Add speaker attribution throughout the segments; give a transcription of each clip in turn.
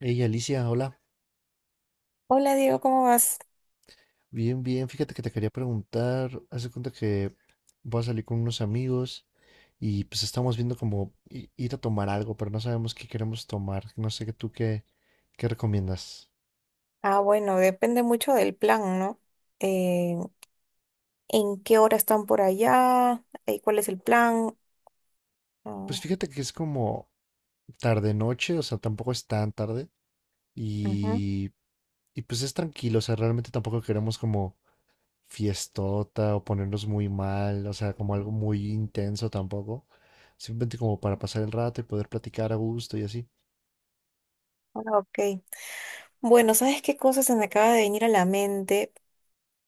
Speaker 1: Hey Alicia, hola.
Speaker 2: Hola Diego, ¿cómo vas?
Speaker 1: Bien, bien. Fíjate que te quería preguntar. Haz de cuenta que voy a salir con unos amigos y pues estamos viendo como ir a tomar algo, pero no sabemos qué queremos tomar. No sé qué qué recomiendas.
Speaker 2: Bueno, depende mucho del plan, ¿no? Eh, ¿En qué hora están por allá? ¿Cuál es el plan?
Speaker 1: Pues
Speaker 2: Ah,
Speaker 1: fíjate que es como tarde noche, o sea, tampoco es tan tarde
Speaker 2: ujú.
Speaker 1: y, y pues es tranquilo, o sea, realmente tampoco queremos como fiestota o ponernos muy mal, o sea, como algo muy intenso tampoco. Simplemente como para pasar el rato y poder platicar a gusto y así.
Speaker 2: Ah, ok. Bueno, ¿sabes qué cosa se me acaba de venir a la mente?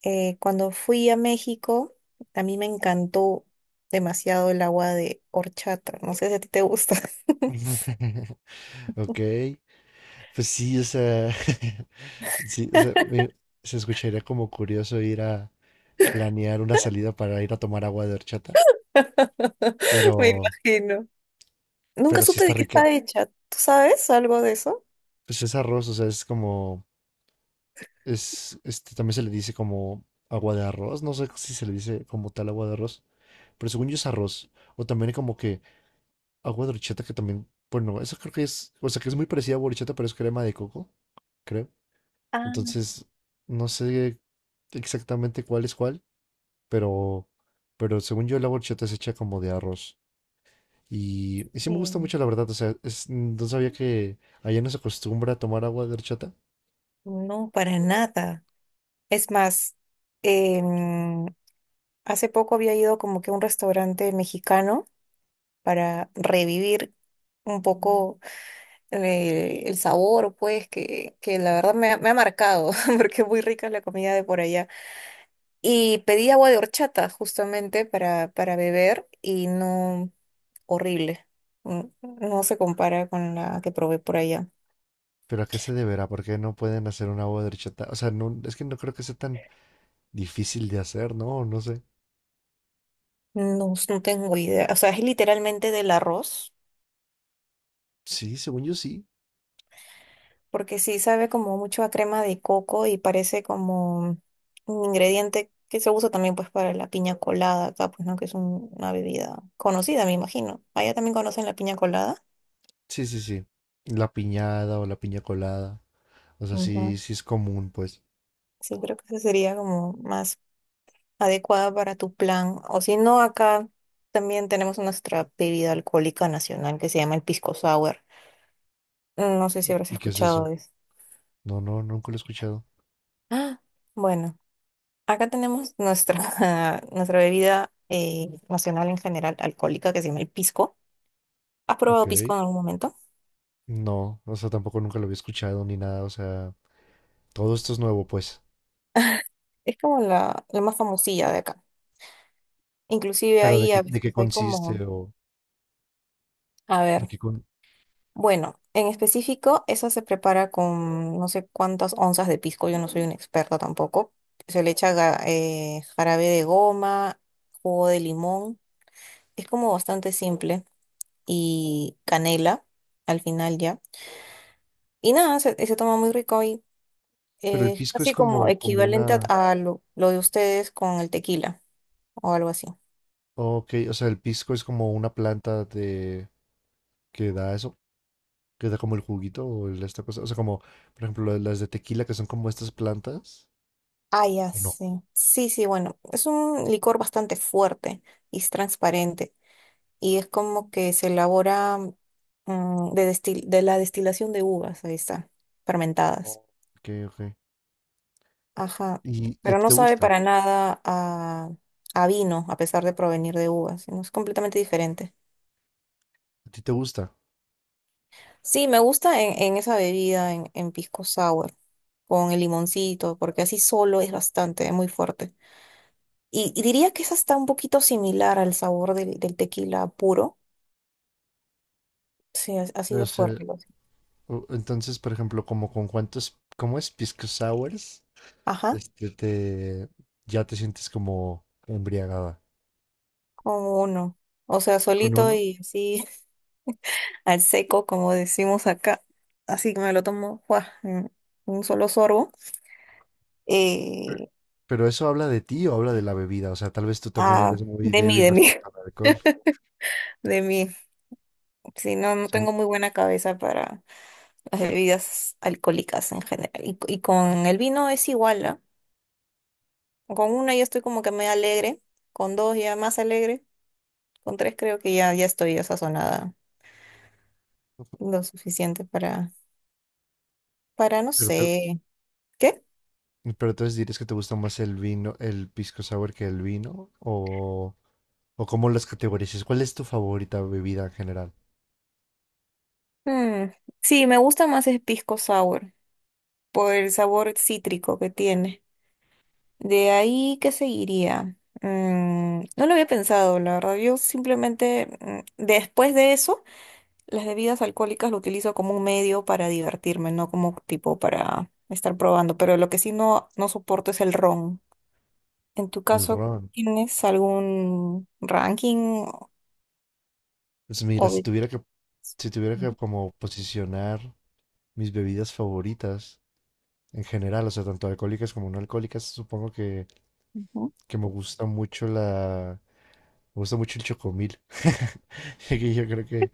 Speaker 2: Cuando fui a México, a mí me encantó demasiado el agua de horchata. No sé si a ti te gusta.
Speaker 1: Ok, pues sí, o sea, sí, o sea, se escucharía como curioso ir a planear una salida para ir a tomar agua de horchata,
Speaker 2: Me
Speaker 1: pero,
Speaker 2: imagino. Nunca
Speaker 1: pero sí
Speaker 2: supe
Speaker 1: está
Speaker 2: de qué
Speaker 1: rica.
Speaker 2: está hecha. ¿Tú sabes algo de eso?
Speaker 1: Pues es arroz, o sea, es, también se le dice como agua de arroz, no sé si se le dice como tal agua de arroz, pero según yo es arroz, o también como que agua de horchata que también, bueno, eso creo que es, o sea, que es muy parecida a agua de horchata, pero es crema de coco, creo.
Speaker 2: Ah,
Speaker 1: Entonces, no sé exactamente cuál es cuál, pero, pero según yo la horchata es hecha como de arroz. Y sí me gusta
Speaker 2: sí.
Speaker 1: mucho, la verdad. O sea, no sabía que allá no se acostumbra a tomar agua de horchata,
Speaker 2: No, para nada. Es más, em, hace poco había ido como que a un restaurante mexicano para revivir un poco el sabor, pues, que la verdad me ha marcado, porque es muy rica la comida de por allá. Y pedí agua de horchata justamente para beber y no, horrible. Mm, no se compara con la que probé por allá.
Speaker 1: pero ¿a qué se deberá? ¿Por qué no pueden hacer un agua de horchata? O sea, no, es que no creo que sea tan difícil de hacer, ¿no? No sé.
Speaker 2: No, no tengo idea. O sea, es literalmente del arroz.
Speaker 1: Sí, según yo sí.
Speaker 2: Porque sí sabe como mucho a crema de coco y parece como un ingrediente que se usa también pues para la piña colada acá, pues no, que es una bebida conocida, me imagino. Allá también conocen la piña colada.
Speaker 1: Sí, sí, sí. La piñada o la piña colada. O sea, sí,
Speaker 2: Ujú.
Speaker 1: sí es común, pues.
Speaker 2: Sí, creo que esa sería como más adecuada para tu plan. O si no, acá también tenemos nuestra bebida alcohólica nacional que se llama el pisco sour. No sé si habrás
Speaker 1: ¿Y qué es
Speaker 2: escuchado
Speaker 1: eso?
Speaker 2: de eso.
Speaker 1: No, no, nunca lo he escuchado.
Speaker 2: Ah, bueno. Acá tenemos nuestra, nuestra bebida nacional en general alcohólica que se llama el pisco. ¿Has
Speaker 1: Ok.
Speaker 2: probado pisco en algún momento?
Speaker 1: No, o sea, tampoco nunca lo había escuchado ni nada, o sea, todo esto es nuevo, pues.
Speaker 2: Es como la más famosilla de acá. Inclusive
Speaker 1: Pero
Speaker 2: ahí a
Speaker 1: de qué
Speaker 2: veces hay como,
Speaker 1: consiste o
Speaker 2: a
Speaker 1: de
Speaker 2: ver,
Speaker 1: qué con...
Speaker 2: bueno, en específico eso se prepara con no sé cuántas onzas de pisco, yo no soy una experta tampoco. Se le echa jarabe de goma, jugo de limón, es como bastante simple y canela al final ya. Y nada, se toma muy rico ahí.
Speaker 1: Pero el
Speaker 2: Es
Speaker 1: pisco es
Speaker 2: casi como
Speaker 1: como, como
Speaker 2: equivalente
Speaker 1: una...
Speaker 2: a lo de ustedes con el tequila o algo así.
Speaker 1: Ok, o sea, el pisco es como una planta de... que da eso, que da como el juguito o esta cosa, o sea, como, por ejemplo, las de tequila que son como estas plantas.
Speaker 2: Ah, ya
Speaker 1: ¿O No.
Speaker 2: sí. Sí, sí, bueno, es un licor bastante fuerte y es transparente y es como que se elabora de la destilación de uvas, ahí está, fermentadas.
Speaker 1: Oh, Ok, ok.
Speaker 2: Ajá,
Speaker 1: Y a
Speaker 2: pero
Speaker 1: ti
Speaker 2: no
Speaker 1: te
Speaker 2: sabe
Speaker 1: gusta?
Speaker 2: para nada a, a vino a pesar de provenir de uvas, sino es completamente diferente.
Speaker 1: ¿A ti te gusta?
Speaker 2: Sí, me gusta en esa bebida, en pisco sour, con el limoncito, porque así solo es bastante, es muy fuerte. Y diría que esa está un poquito similar al sabor del tequila puro. Sí, así
Speaker 1: No
Speaker 2: de
Speaker 1: sé.
Speaker 2: fuerte. Lo
Speaker 1: Entonces, por ejemplo, como con cuántos, ¿cómo es? Pisco sours,
Speaker 2: ajá,
Speaker 1: este te ya te sientes como embriagada.
Speaker 2: con uno. O sea,
Speaker 1: ¿Con
Speaker 2: solito
Speaker 1: uno?
Speaker 2: y así al seco, como decimos acá. Así que me lo tomo, ¡guau!, en un solo sorbo.
Speaker 1: Pe-
Speaker 2: Eh,
Speaker 1: Pero eso habla de ti o habla de la bebida, o sea, tal vez tú también
Speaker 2: ah,
Speaker 1: eres muy
Speaker 2: de mí,
Speaker 1: débil
Speaker 2: de mí,
Speaker 1: respecto al alcohol.
Speaker 2: de mí. Sí, no,
Speaker 1: O
Speaker 2: no
Speaker 1: sea, un-
Speaker 2: tengo muy buena cabeza para las bebidas alcohólicas en general. Y con el vino es igual, ¿ah? Con una ya estoy como que me alegre, con dos ya más alegre, con tres creo que ya, ya estoy ya sazonada lo suficiente para no
Speaker 1: pero te-
Speaker 2: sé, ¿qué?
Speaker 1: Pero entonces dirías que te gusta más el vino, el pisco sour que el vino, o cómo las categorizas. ¿Cuál es tu favorita bebida en general?
Speaker 2: Mm, sí, me gusta más el pisco sour por el sabor cítrico que tiene. De ahí, ¿qué seguiría? Mm, no lo había pensado, la verdad. Yo simplemente, mm, después de eso, las bebidas alcohólicas lo utilizo como un medio para divertirme, no como tipo para estar probando, pero lo que sí no, no soporto es el ron. En tu
Speaker 1: El
Speaker 2: caso,
Speaker 1: ron.
Speaker 2: ¿tienes algún ranking
Speaker 1: Pues mira,
Speaker 2: o bebidas?
Speaker 1: si tuviera
Speaker 2: Ujú,
Speaker 1: que como posicionar mis bebidas favoritas en general, o sea, tanto alcohólicas como no alcohólicas, supongo que me gusta mucho la... Me gusta mucho el chocomil. Así que yo creo que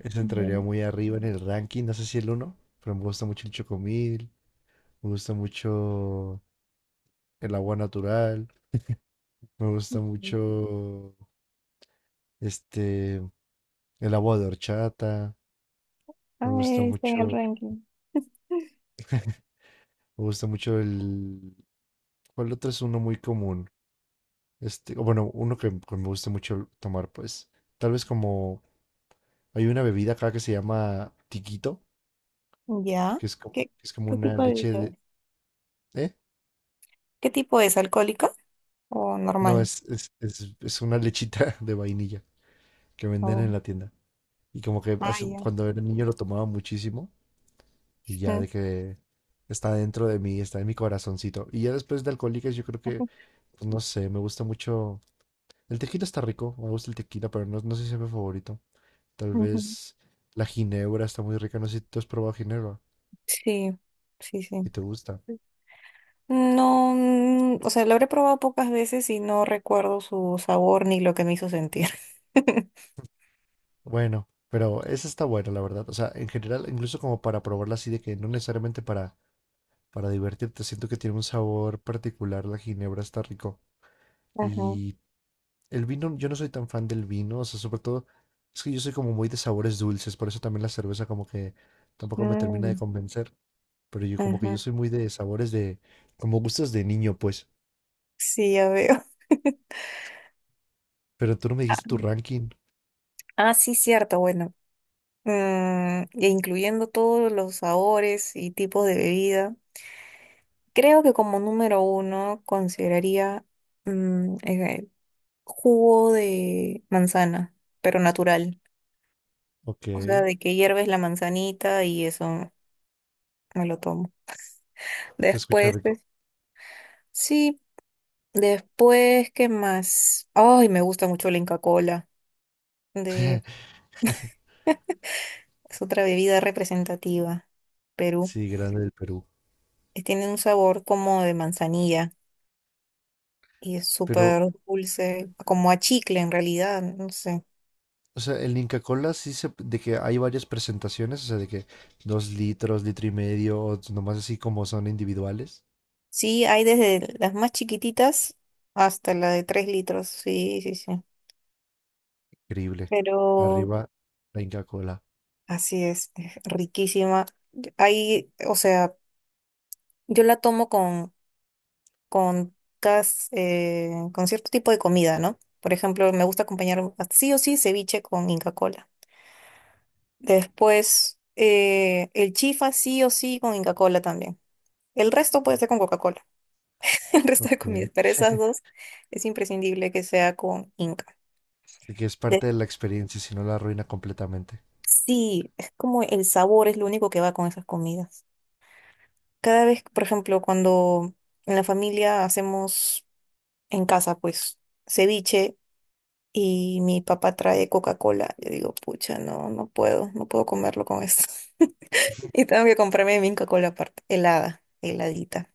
Speaker 1: eso entraría
Speaker 2: ujú, ya.
Speaker 1: muy arriba en el ranking. No sé si el uno, pero me gusta mucho el chocomil. Me gusta mucho el agua natural. Me gusta mucho este el agua de horchata. Me
Speaker 2: Ah,
Speaker 1: gusta
Speaker 2: está en
Speaker 1: mucho.
Speaker 2: el ranking.
Speaker 1: Me gusta mucho el. ¿Cuál otro es uno muy común? Este, o bueno, uno que me gusta mucho tomar, pues, tal vez como hay una bebida acá que se llama tiquito,
Speaker 2: Ya.
Speaker 1: que
Speaker 2: ¿Qué,
Speaker 1: es como
Speaker 2: qué
Speaker 1: una
Speaker 2: tipo de
Speaker 1: leche
Speaker 2: bebida
Speaker 1: de,
Speaker 2: es?
Speaker 1: ¿eh?
Speaker 2: ¿Qué tipo es? ¿Alcohólica o
Speaker 1: No,
Speaker 2: normal?
Speaker 1: es una lechita de vainilla que venden
Speaker 2: O...
Speaker 1: en la tienda. Y como que
Speaker 2: ah, ya.
Speaker 1: cuando era niño lo tomaba muchísimo y ya
Speaker 2: Mm.
Speaker 1: de que está dentro de mí, está en mi corazoncito. Y ya después de Alcohólicas yo creo que, pues, no sé, me gusta mucho. El tequila está rico, me gusta el tequila, pero no, no sé si es mi favorito. Tal
Speaker 2: Ujú.
Speaker 1: vez la ginebra está muy rica. No sé si tú has probado ginebra
Speaker 2: Sí, sí,
Speaker 1: y
Speaker 2: sí.
Speaker 1: te gusta.
Speaker 2: No, mm, o sea, lo habré probado pocas veces y no recuerdo su sabor ni lo que me hizo sentir.
Speaker 1: Bueno, pero esa está buena, la verdad. O sea, en general, incluso como para probarla así de que no necesariamente para divertirte. Siento que tiene un sabor particular. La ginebra está rico.
Speaker 2: Ajá.
Speaker 1: Y el vino, yo no soy tan fan del vino, o sea, sobre todo es que yo soy como muy de sabores dulces, por eso también la cerveza como que tampoco me termina de
Speaker 2: Mm,
Speaker 1: convencer, pero yo como que yo
Speaker 2: ajá.
Speaker 1: soy muy de sabores de, como gustos de niño, pues,
Speaker 2: Sí, ya veo.
Speaker 1: pero tú no me dijiste tu
Speaker 2: Ah,
Speaker 1: ranking,
Speaker 2: sí, cierto, bueno. Mm, e incluyendo todos los sabores y tipos de bebida, creo que como número uno consideraría mm, eh, jugo de manzana, pero natural.
Speaker 1: ok.
Speaker 2: O sea, de que hierves la manzanita y eso me lo tomo.
Speaker 1: Se escucha
Speaker 2: Después,
Speaker 1: rico.
Speaker 2: pues, sí. Después, ¿qué más? Ay, me gusta mucho la Inca Kola. De, es otra bebida representativa. Perú.
Speaker 1: Sí, grande del Perú.
Speaker 2: Tiene un sabor como de manzanilla y es
Speaker 1: Pero,
Speaker 2: súper dulce, como a chicle en realidad, no sé.
Speaker 1: o sea, el Inca Kola sí se, de que hay varias presentaciones, o sea, de que dos litros, litro y medio, o nomás así como son individuales.
Speaker 2: Sí, hay desde las más chiquititas hasta la de 3 litros. Sí, sí, sí.
Speaker 1: Increíble.
Speaker 2: Pero
Speaker 1: Arriba, la Inca Kola.
Speaker 2: así es riquísima. Hay, o sea, yo la tomo con, con cierto tipo de comida, ¿no? Por ejemplo, me gusta sí o sí ceviche con Inca Kola. Después, el chifa sí o sí con Inca Kola también. El resto puede ser con Coca-Cola, el resto de
Speaker 1: Ok.
Speaker 2: comidas, pero esas dos es imprescindible que sea con Inca.
Speaker 1: De que es parte
Speaker 2: De-
Speaker 1: de la experiencia, si no la arruina completamente.
Speaker 2: sí, es como el sabor es lo único que va con esas comidas. Cada vez, por ejemplo, cuando en la familia hacemos en casa, pues, ceviche y mi papá trae Coca-Cola. Yo digo, pucha, no, no puedo comerlo con esto. Y tengo que comprarme mi Coca-Cola aparte, helada, heladita.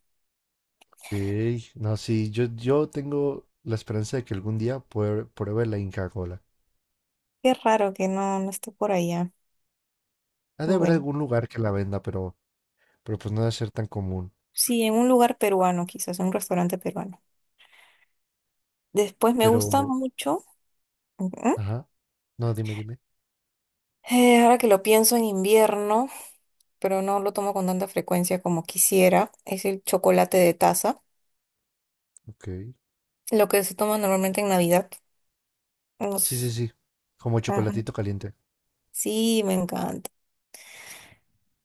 Speaker 1: Ok. No, sí, yo tengo la esperanza de que algún día pruebe la Inca Kola.
Speaker 2: Qué raro que no, no esté por allá.
Speaker 1: Ha de haber
Speaker 2: Bueno,
Speaker 1: algún lugar que la venda, pero pues no debe ser tan común.
Speaker 2: sí, en un lugar peruano, quizás, un restaurante peruano. Después me
Speaker 1: Pero,
Speaker 2: gusta mucho, ujú,
Speaker 1: ajá. No, dime, dime.
Speaker 2: ahora que lo pienso en invierno, pero no lo tomo con tanta frecuencia como quisiera, es el chocolate de taza,
Speaker 1: Ok.
Speaker 2: lo que se toma normalmente en Navidad.
Speaker 1: Sí, sí,
Speaker 2: Nos-
Speaker 1: sí. Como
Speaker 2: ajá,
Speaker 1: chocolatito caliente.
Speaker 2: sí, me encanta.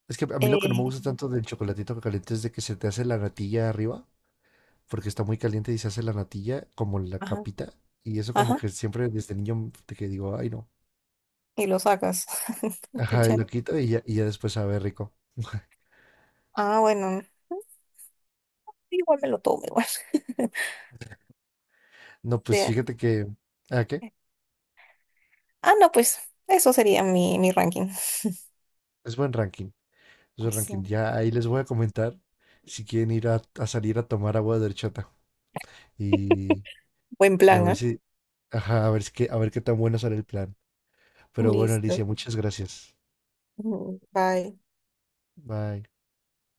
Speaker 1: Es que a mí lo que no me
Speaker 2: Eh,
Speaker 1: gusta tanto del chocolatito caliente es de que se te hace la natilla arriba, porque está muy caliente y se hace la natilla como la
Speaker 2: ajá.
Speaker 1: capita. Y eso como
Speaker 2: Ajá,
Speaker 1: que siempre desde niño de que digo, ay no.
Speaker 2: y lo sacas.
Speaker 1: Ajá, y
Speaker 2: Escucha.
Speaker 1: lo quito y ya después sabe rico.
Speaker 2: Ah, bueno, igual me lo tomo igual.
Speaker 1: No,
Speaker 2: De
Speaker 1: pues
Speaker 2: ahí.
Speaker 1: fíjate que... ¿A qué?
Speaker 2: Ah, no, pues eso sería mi ranking.
Speaker 1: Es buen ranking. Es buen ranking.
Speaker 2: Sí.
Speaker 1: Ya ahí les voy a comentar si quieren ir a salir a tomar agua de horchata. Y,
Speaker 2: Buen
Speaker 1: y a
Speaker 2: plan,
Speaker 1: ver
Speaker 2: ¿ah?
Speaker 1: si, ajá, a ver, a ver qué tan bueno sale el plan. Pero bueno, Alicia,
Speaker 2: Listo.
Speaker 1: muchas gracias.
Speaker 2: Mm, bye.
Speaker 1: Bye.